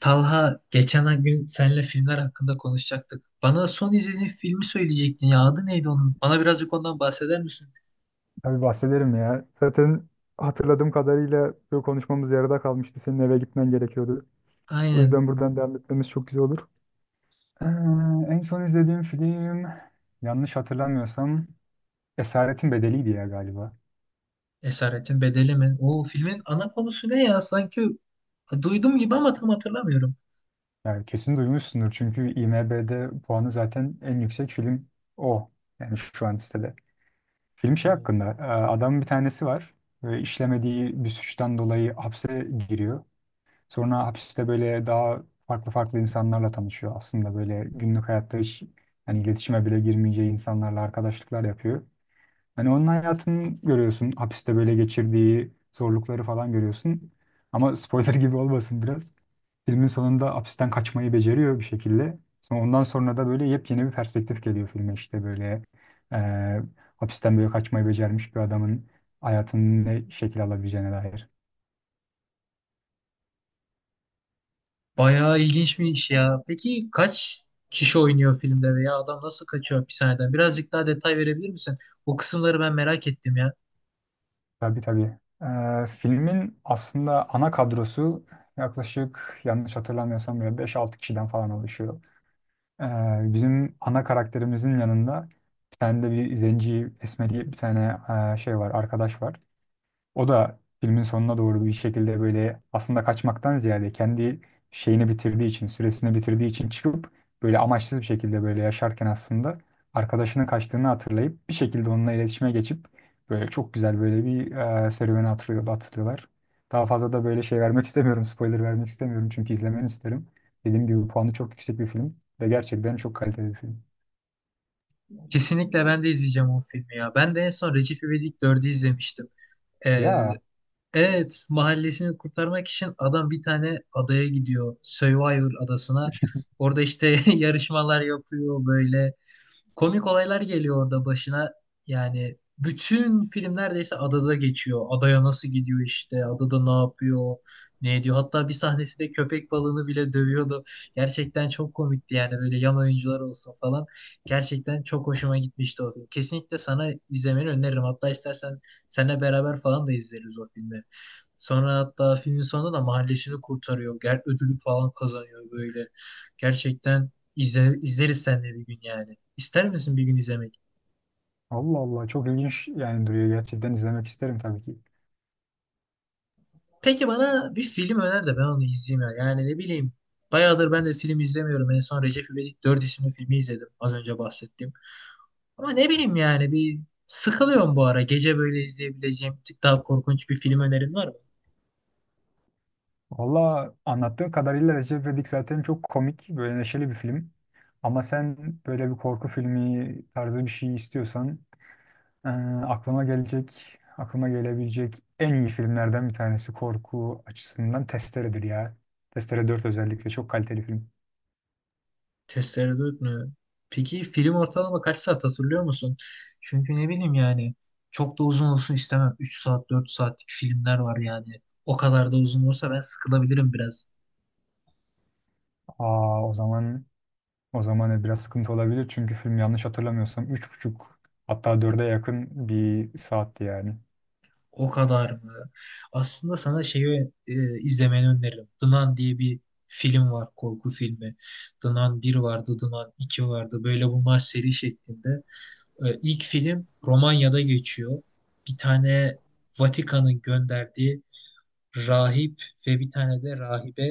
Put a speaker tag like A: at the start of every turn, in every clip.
A: Talha geçen gün seninle filmler hakkında konuşacaktık. Bana son izlediğin filmi söyleyecektin ya. Adı neydi onun? Bana birazcık ondan bahseder misin?
B: Tabii bahsederim ya. Zaten hatırladığım kadarıyla bu konuşmamız yarıda kalmıştı. Senin eve gitmen gerekiyordu. O
A: Aynen.
B: yüzden buradan devam etmemiz çok güzel olur. Ee, En son izlediğim film yanlış hatırlamıyorsam Esaretin Bedeli'ydi ya galiba.
A: Esaretin Bedeli mi? O filmin ana konusu ne ya? Sanki duydum gibi ama tam hatırlamıyorum.
B: Yani kesin duymuşsundur çünkü IMDb'de puanı zaten en yüksek film o. Yani şu an listede. Film şey hakkında
A: Oo,
B: adamın bir tanesi var ve işlemediği bir suçtan dolayı hapse giriyor. Sonra hapiste böyle daha farklı farklı insanlarla tanışıyor. Aslında böyle günlük hayatta hiç hani iletişime bile girmeyeceği insanlarla arkadaşlıklar yapıyor. Hani onun hayatını görüyorsun. Hapiste böyle geçirdiği zorlukları falan görüyorsun. Ama spoiler gibi olmasın biraz. Filmin sonunda hapisten kaçmayı beceriyor bir şekilde. Sonra ondan sonra da böyle yepyeni bir perspektif geliyor filme işte böyle e, hapisten böyle kaçmayı becermiş bir adamın hayatının ne şekil alabileceğine dair.
A: bayağı ilginçmiş ya. Peki kaç kişi oynuyor filmde veya adam nasıl kaçıyor hapishaneden? Birazcık daha detay verebilir misin? O kısımları ben merak ettim ya.
B: Tabii tabii. Filmin aslında ana kadrosu yaklaşık yanlış hatırlamıyorsam böyle beş altı kişiden falan oluşuyor. Ee, Bizim ana karakterimizin yanında bir tane de bir zenci esmeri bir tane şey var, arkadaş var. O da filmin sonuna doğru bir şekilde böyle aslında kaçmaktan ziyade kendi şeyini bitirdiği için, süresini bitirdiği için çıkıp böyle amaçsız bir şekilde böyle yaşarken aslında arkadaşının kaçtığını hatırlayıp bir şekilde onunla iletişime geçip böyle çok güzel böyle bir serüveni hatırlıyor, hatırlıyorlar. Daha fazla da böyle şey vermek istemiyorum, spoiler vermek istemiyorum çünkü izlemeni isterim. Dediğim gibi puanı çok yüksek bir film ve gerçekten çok kaliteli bir film.
A: Kesinlikle ben de izleyeceğim o filmi ya. Ben de en son Recep İvedik 4'ü izlemiştim. Ee,
B: Ya
A: Evet, mahallesini kurtarmak için adam bir tane adaya gidiyor. Survivor adasına. Orada işte yarışmalar yapıyor böyle komik olaylar geliyor orada başına. Yani bütün film neredeyse adada geçiyor. Adaya nasıl gidiyor işte, adada ne yapıyor, ne ediyor. Hatta bir sahnesinde köpek balığını bile dövüyordu. Gerçekten çok komikti yani böyle yan oyuncular olsun falan. Gerçekten çok hoşuma gitmişti o film. Kesinlikle sana izlemeni öneririm. Hatta istersen seninle beraber falan da izleriz o filmi. Sonra hatta filmin sonunda da mahallesini kurtarıyor. Ödülü falan kazanıyor böyle. Gerçekten izleriz seninle bir gün yani. İster misin bir gün izlemek?
B: Allah Allah, çok ilginç yani duruyor, gerçekten izlemek isterim tabii ki.
A: Peki bana bir film öner de ben onu izleyeyim ya. Yani ne bileyim. Bayağıdır ben de film izlemiyorum. En son Recep İvedik 4 isimli filmi izledim. Az önce bahsettiğim. Ama ne bileyim yani bir sıkılıyorum bu ara. Gece böyle izleyebileceğim bir tık daha korkunç bir film önerin var mı?
B: Valla anlattığın kadarıyla Recep İvedik zaten çok komik, böyle neşeli bir film. Ama sen böyle bir korku filmi tarzı bir şey istiyorsan eee, aklıma gelebilecek en iyi filmlerden bir tanesi korku açısından Testere'dir ya. Testere 4 özellikle çok kaliteli film.
A: Tereddüt mü? Peki film ortalama kaç saat hatırlıyor musun? Çünkü ne bileyim yani çok da uzun olsun istemem. 3 saat 4 saatlik filmler var yani. O kadar da uzun olursa ben sıkılabilirim biraz.
B: Aa, o zaman o zaman biraz sıkıntı olabilir çünkü film yanlış hatırlamıyorsam üç buçuk hatta dörde yakın bir saatti yani.
A: O kadar mı? Aslında sana şeyi izlemeni öneririm. The Nun diye bir film var, korku filmi. The Nun 1 vardı, The Nun 2 vardı. Böyle bunlar seri şeklinde. E, ilk film Romanya'da geçiyor. Bir tane Vatikan'ın gönderdiği rahip ve bir tane de rahibe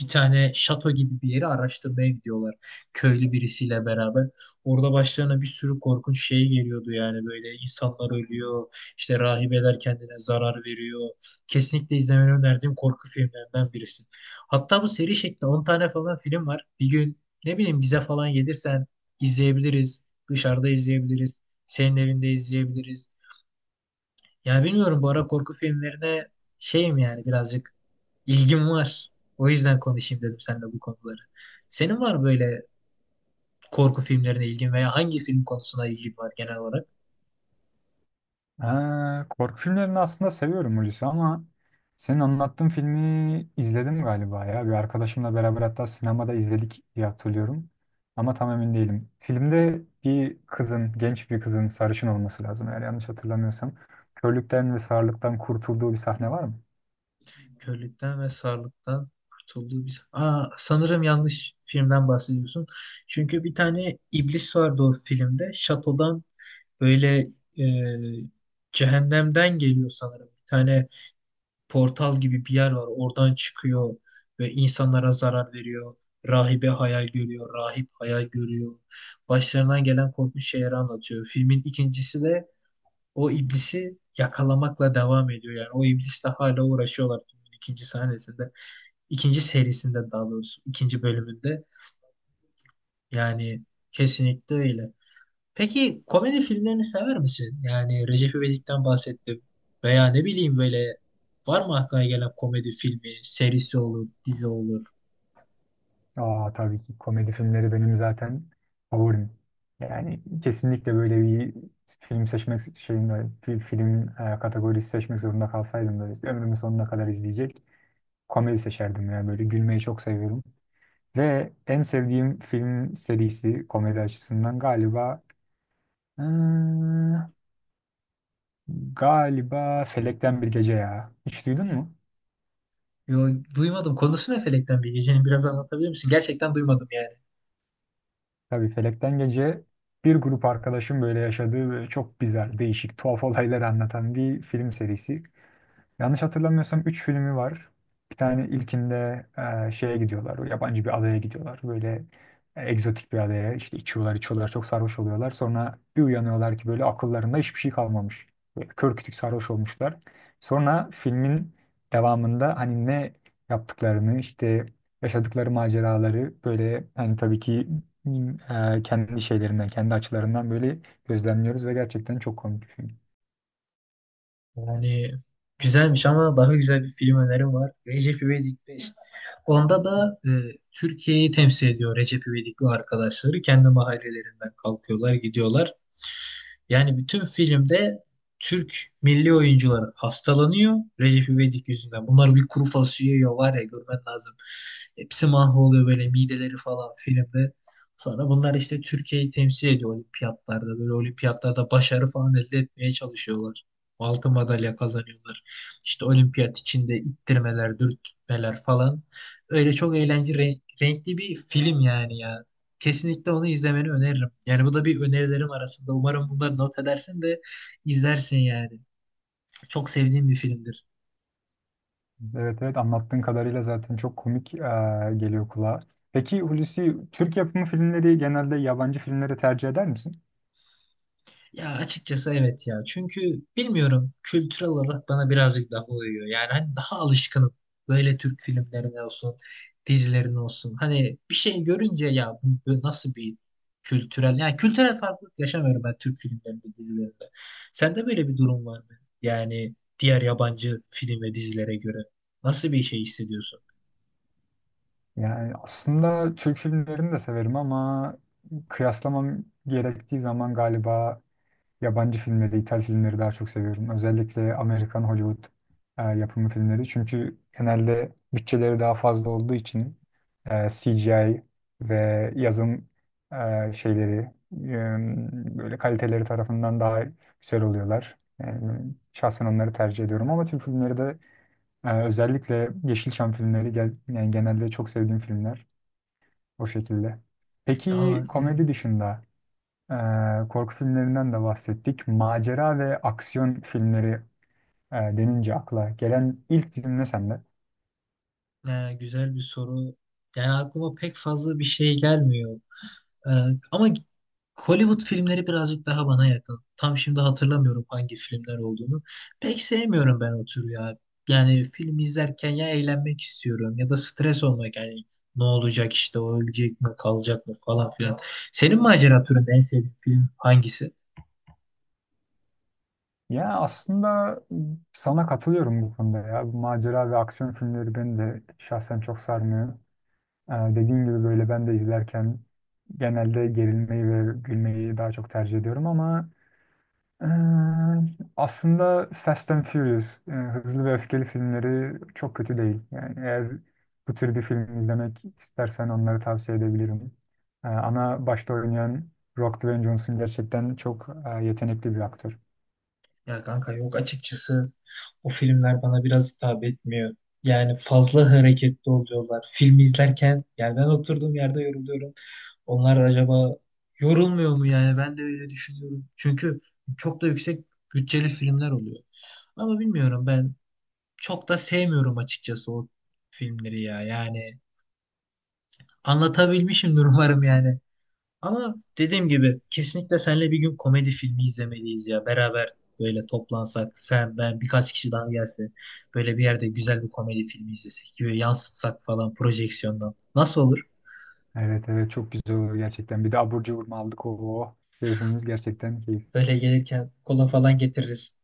A: bir tane şato gibi bir yeri araştırmaya gidiyorlar. Köylü birisiyle beraber. Orada başlarına bir sürü korkunç şey geliyordu yani böyle insanlar ölüyor, işte rahibeler kendine zarar veriyor. Kesinlikle izlemeni önerdiğim korku filmlerinden birisi. Hatta bu seri şeklinde 10 tane falan film var. Bir gün ne bileyim bize falan gelirsen izleyebiliriz. Dışarıda izleyebiliriz. Senin evinde izleyebiliriz. Ya bilmiyorum bu ara korku filmlerine şeyim yani birazcık ilgim var. O yüzden konuşayım dedim seninle bu konuları. Senin var mı böyle korku filmlerine ilgin veya hangi film konusuna ilgin var genel olarak?
B: Ha, korku filmlerini aslında seviyorum Hulusi, ama senin anlattığın filmi izledim galiba ya. Bir arkadaşımla beraber hatta sinemada izledik diye hatırlıyorum. Ama tam emin değilim. Filmde bir kızın, genç bir kızın sarışın olması lazım eğer yanlış hatırlamıyorsam. Körlükten ve sağırlıktan kurtulduğu bir sahne var mı?
A: Körlükten ve sarlıktan kurtulduğu bir... Aa, sanırım yanlış filmden bahsediyorsun. Çünkü bir tane iblis vardı o filmde. Şatodan böyle e, cehennemden geliyor sanırım. Bir tane portal gibi bir yer var. Oradan çıkıyor ve insanlara zarar veriyor. Rahibe hayal görüyor, rahip hayal görüyor. Başlarından gelen korkunç şeyleri anlatıyor. Filmin ikincisi de o iblisi yakalamakla devam ediyor. Yani o iblisle hala uğraşıyorlar filmin ikinci sahnesinde. İkinci serisinde daha doğrusu, ikinci bölümünde. Yani kesinlikle öyle. Peki komedi filmlerini sever misin? Yani Recep İvedik'ten bahsettim. Veya ne bileyim böyle var mı aklına gelen komedi filmi, serisi olur, dizi olur?
B: Aa, tabii ki komedi filmleri benim zaten favorim. Yani kesinlikle böyle bir film seçmek şeyinde, bir film kategorisi seçmek zorunda kalsaydım da ömrümün sonuna kadar izleyecek. Komedi seçerdim ya. Böyle gülmeyi çok seviyorum. Ve en sevdiğim film serisi komedi açısından galiba hmm, galiba Felekten Bir Gece ya. Hiç duydun mu?
A: Yo, duymadım. Konusu ne Felekten Bilgece'nin biraz anlatabilir misin? Gerçekten duymadım yani.
B: Tabii Felekten Gece bir grup arkadaşım böyle yaşadığı ve çok güzel, değişik, tuhaf olaylar anlatan bir film serisi. Yanlış hatırlamıyorsam 3 filmi var. Bir tane ilkinde şeye gidiyorlar. O yabancı bir adaya gidiyorlar. Böyle egzotik bir adaya. İşte içiyorlar, içiyorlar. Çok sarhoş oluyorlar. Sonra bir uyanıyorlar ki böyle akıllarında hiçbir şey kalmamış. Böyle kör kütük sarhoş olmuşlar. Sonra filmin devamında hani ne yaptıklarını işte yaşadıkları maceraları böyle hani tabii ki m, kendi şeylerinden, kendi açılarından böyle gözlemliyoruz ve gerçekten çok komik bir film.
A: Yani güzelmiş ama daha güzel bir film önerim var. Recep İvedik'te onda da Türkiye'yi temsil ediyor Recep İvedik ve arkadaşları. Kendi mahallelerinden kalkıyorlar, gidiyorlar. Yani bütün filmde Türk milli oyuncuları hastalanıyor Recep İvedik yüzünden. Bunlar bir kuru fasulye yiyor var ya görmen lazım. Hepsi mahvoluyor böyle mideleri falan filmde. Sonra bunlar işte Türkiye'yi temsil ediyor olimpiyatlarda. Böyle olimpiyatlarda başarı falan elde etmeye çalışıyorlar. Altın madalya kazanıyorlar. İşte olimpiyat içinde ittirmeler, dürtmeler falan. Öyle çok eğlenceli, renkli bir film yani ya. Kesinlikle onu izlemeni öneririm. Yani bu da bir önerilerim arasında. Umarım bunları not edersin de izlersin yani. Çok sevdiğim bir filmdir.
B: Evet evet, anlattığın kadarıyla zaten çok komik geliyor kulağa. Peki Hulusi, Türk yapımı filmleri genelde yabancı filmlere tercih eder misin?
A: Ya açıkçası evet ya. Çünkü bilmiyorum kültürel olarak bana birazcık daha uyuyor. Yani hani daha alışkınım. Böyle Türk filmlerine olsun, dizilerine olsun. Hani bir şey görünce ya bu nasıl bir kültürel yani kültürel farklılık yaşamıyorum ben Türk filmlerinde, dizilerinde. Sende böyle bir durum var mı? Yani diğer yabancı film ve dizilere göre nasıl bir şey hissediyorsun?
B: Yani aslında Türk filmlerini de severim ama kıyaslamam gerektiği zaman galiba yabancı filmleri, İtalyan filmleri daha çok seviyorum. Özellikle Amerikan Hollywood yapımı filmleri. Çünkü genelde bütçeleri daha fazla olduğu için CGI ve yazım şeyleri böyle kaliteleri tarafından daha güzel oluyorlar. Yani şahsen onları tercih ediyorum ama Türk filmleri de özellikle Yeşilçam filmleri gel, yani genelde çok sevdiğim filmler o şekilde. Peki
A: Ya,
B: komedi dışında korku filmlerinden de bahsettik. Macera ve aksiyon filmleri denince akla gelen ilk film ne sende?
A: güzel bir soru. Yani aklıma pek fazla bir şey gelmiyor. Ee, ama Hollywood filmleri birazcık daha bana yakın. Tam şimdi hatırlamıyorum hangi filmler olduğunu. Pek sevmiyorum ben o türü ya. Yani film izlerken ya eğlenmek istiyorum ya da stres olmak yani ne olacak işte o ölecek mi kalacak mı falan filan. Senin macera türünde en sevdiğin film hangisi?
B: Ya aslında sana katılıyorum bu konuda ya. Bu macera ve aksiyon filmleri beni de şahsen çok sarmıyor. Dediğim gibi böyle ben de izlerken genelde gerilmeyi ve gülmeyi daha çok tercih ediyorum ama Ee, aslında Fast and Furious, Hızlı ve Öfkeli filmleri çok kötü değil. Yani eğer bu tür bir film izlemek istersen onları tavsiye edebilirim. Ana başta oynayan Rock Dwayne Johnson gerçekten çok yetenekli bir aktör.
A: Ya kanka yok açıkçası o filmler bana biraz hitap etmiyor. Yani fazla hareketli oluyorlar. Film izlerken yani ben oturduğum yerde yoruluyorum. Onlar acaba yorulmuyor mu yani? Ben de öyle düşünüyorum. Çünkü çok da yüksek bütçeli filmler oluyor. Ama bilmiyorum ben çok da sevmiyorum açıkçası o filmleri ya. Yani anlatabilmişimdir umarım yani. Ama dediğim gibi kesinlikle seninle bir gün komedi filmi izlemeliyiz ya. Beraber böyle toplansak sen ben birkaç kişi daha gelse böyle bir yerde güzel bir komedi filmi izlesek böyle yansıtsak falan projeksiyondan. Nasıl olur?
B: Evet evet, çok güzel olur gerçekten. Bir de abur cubur mu aldık o, o. Keyfimiz gerçekten keyif.
A: Böyle gelirken kola falan getiririz.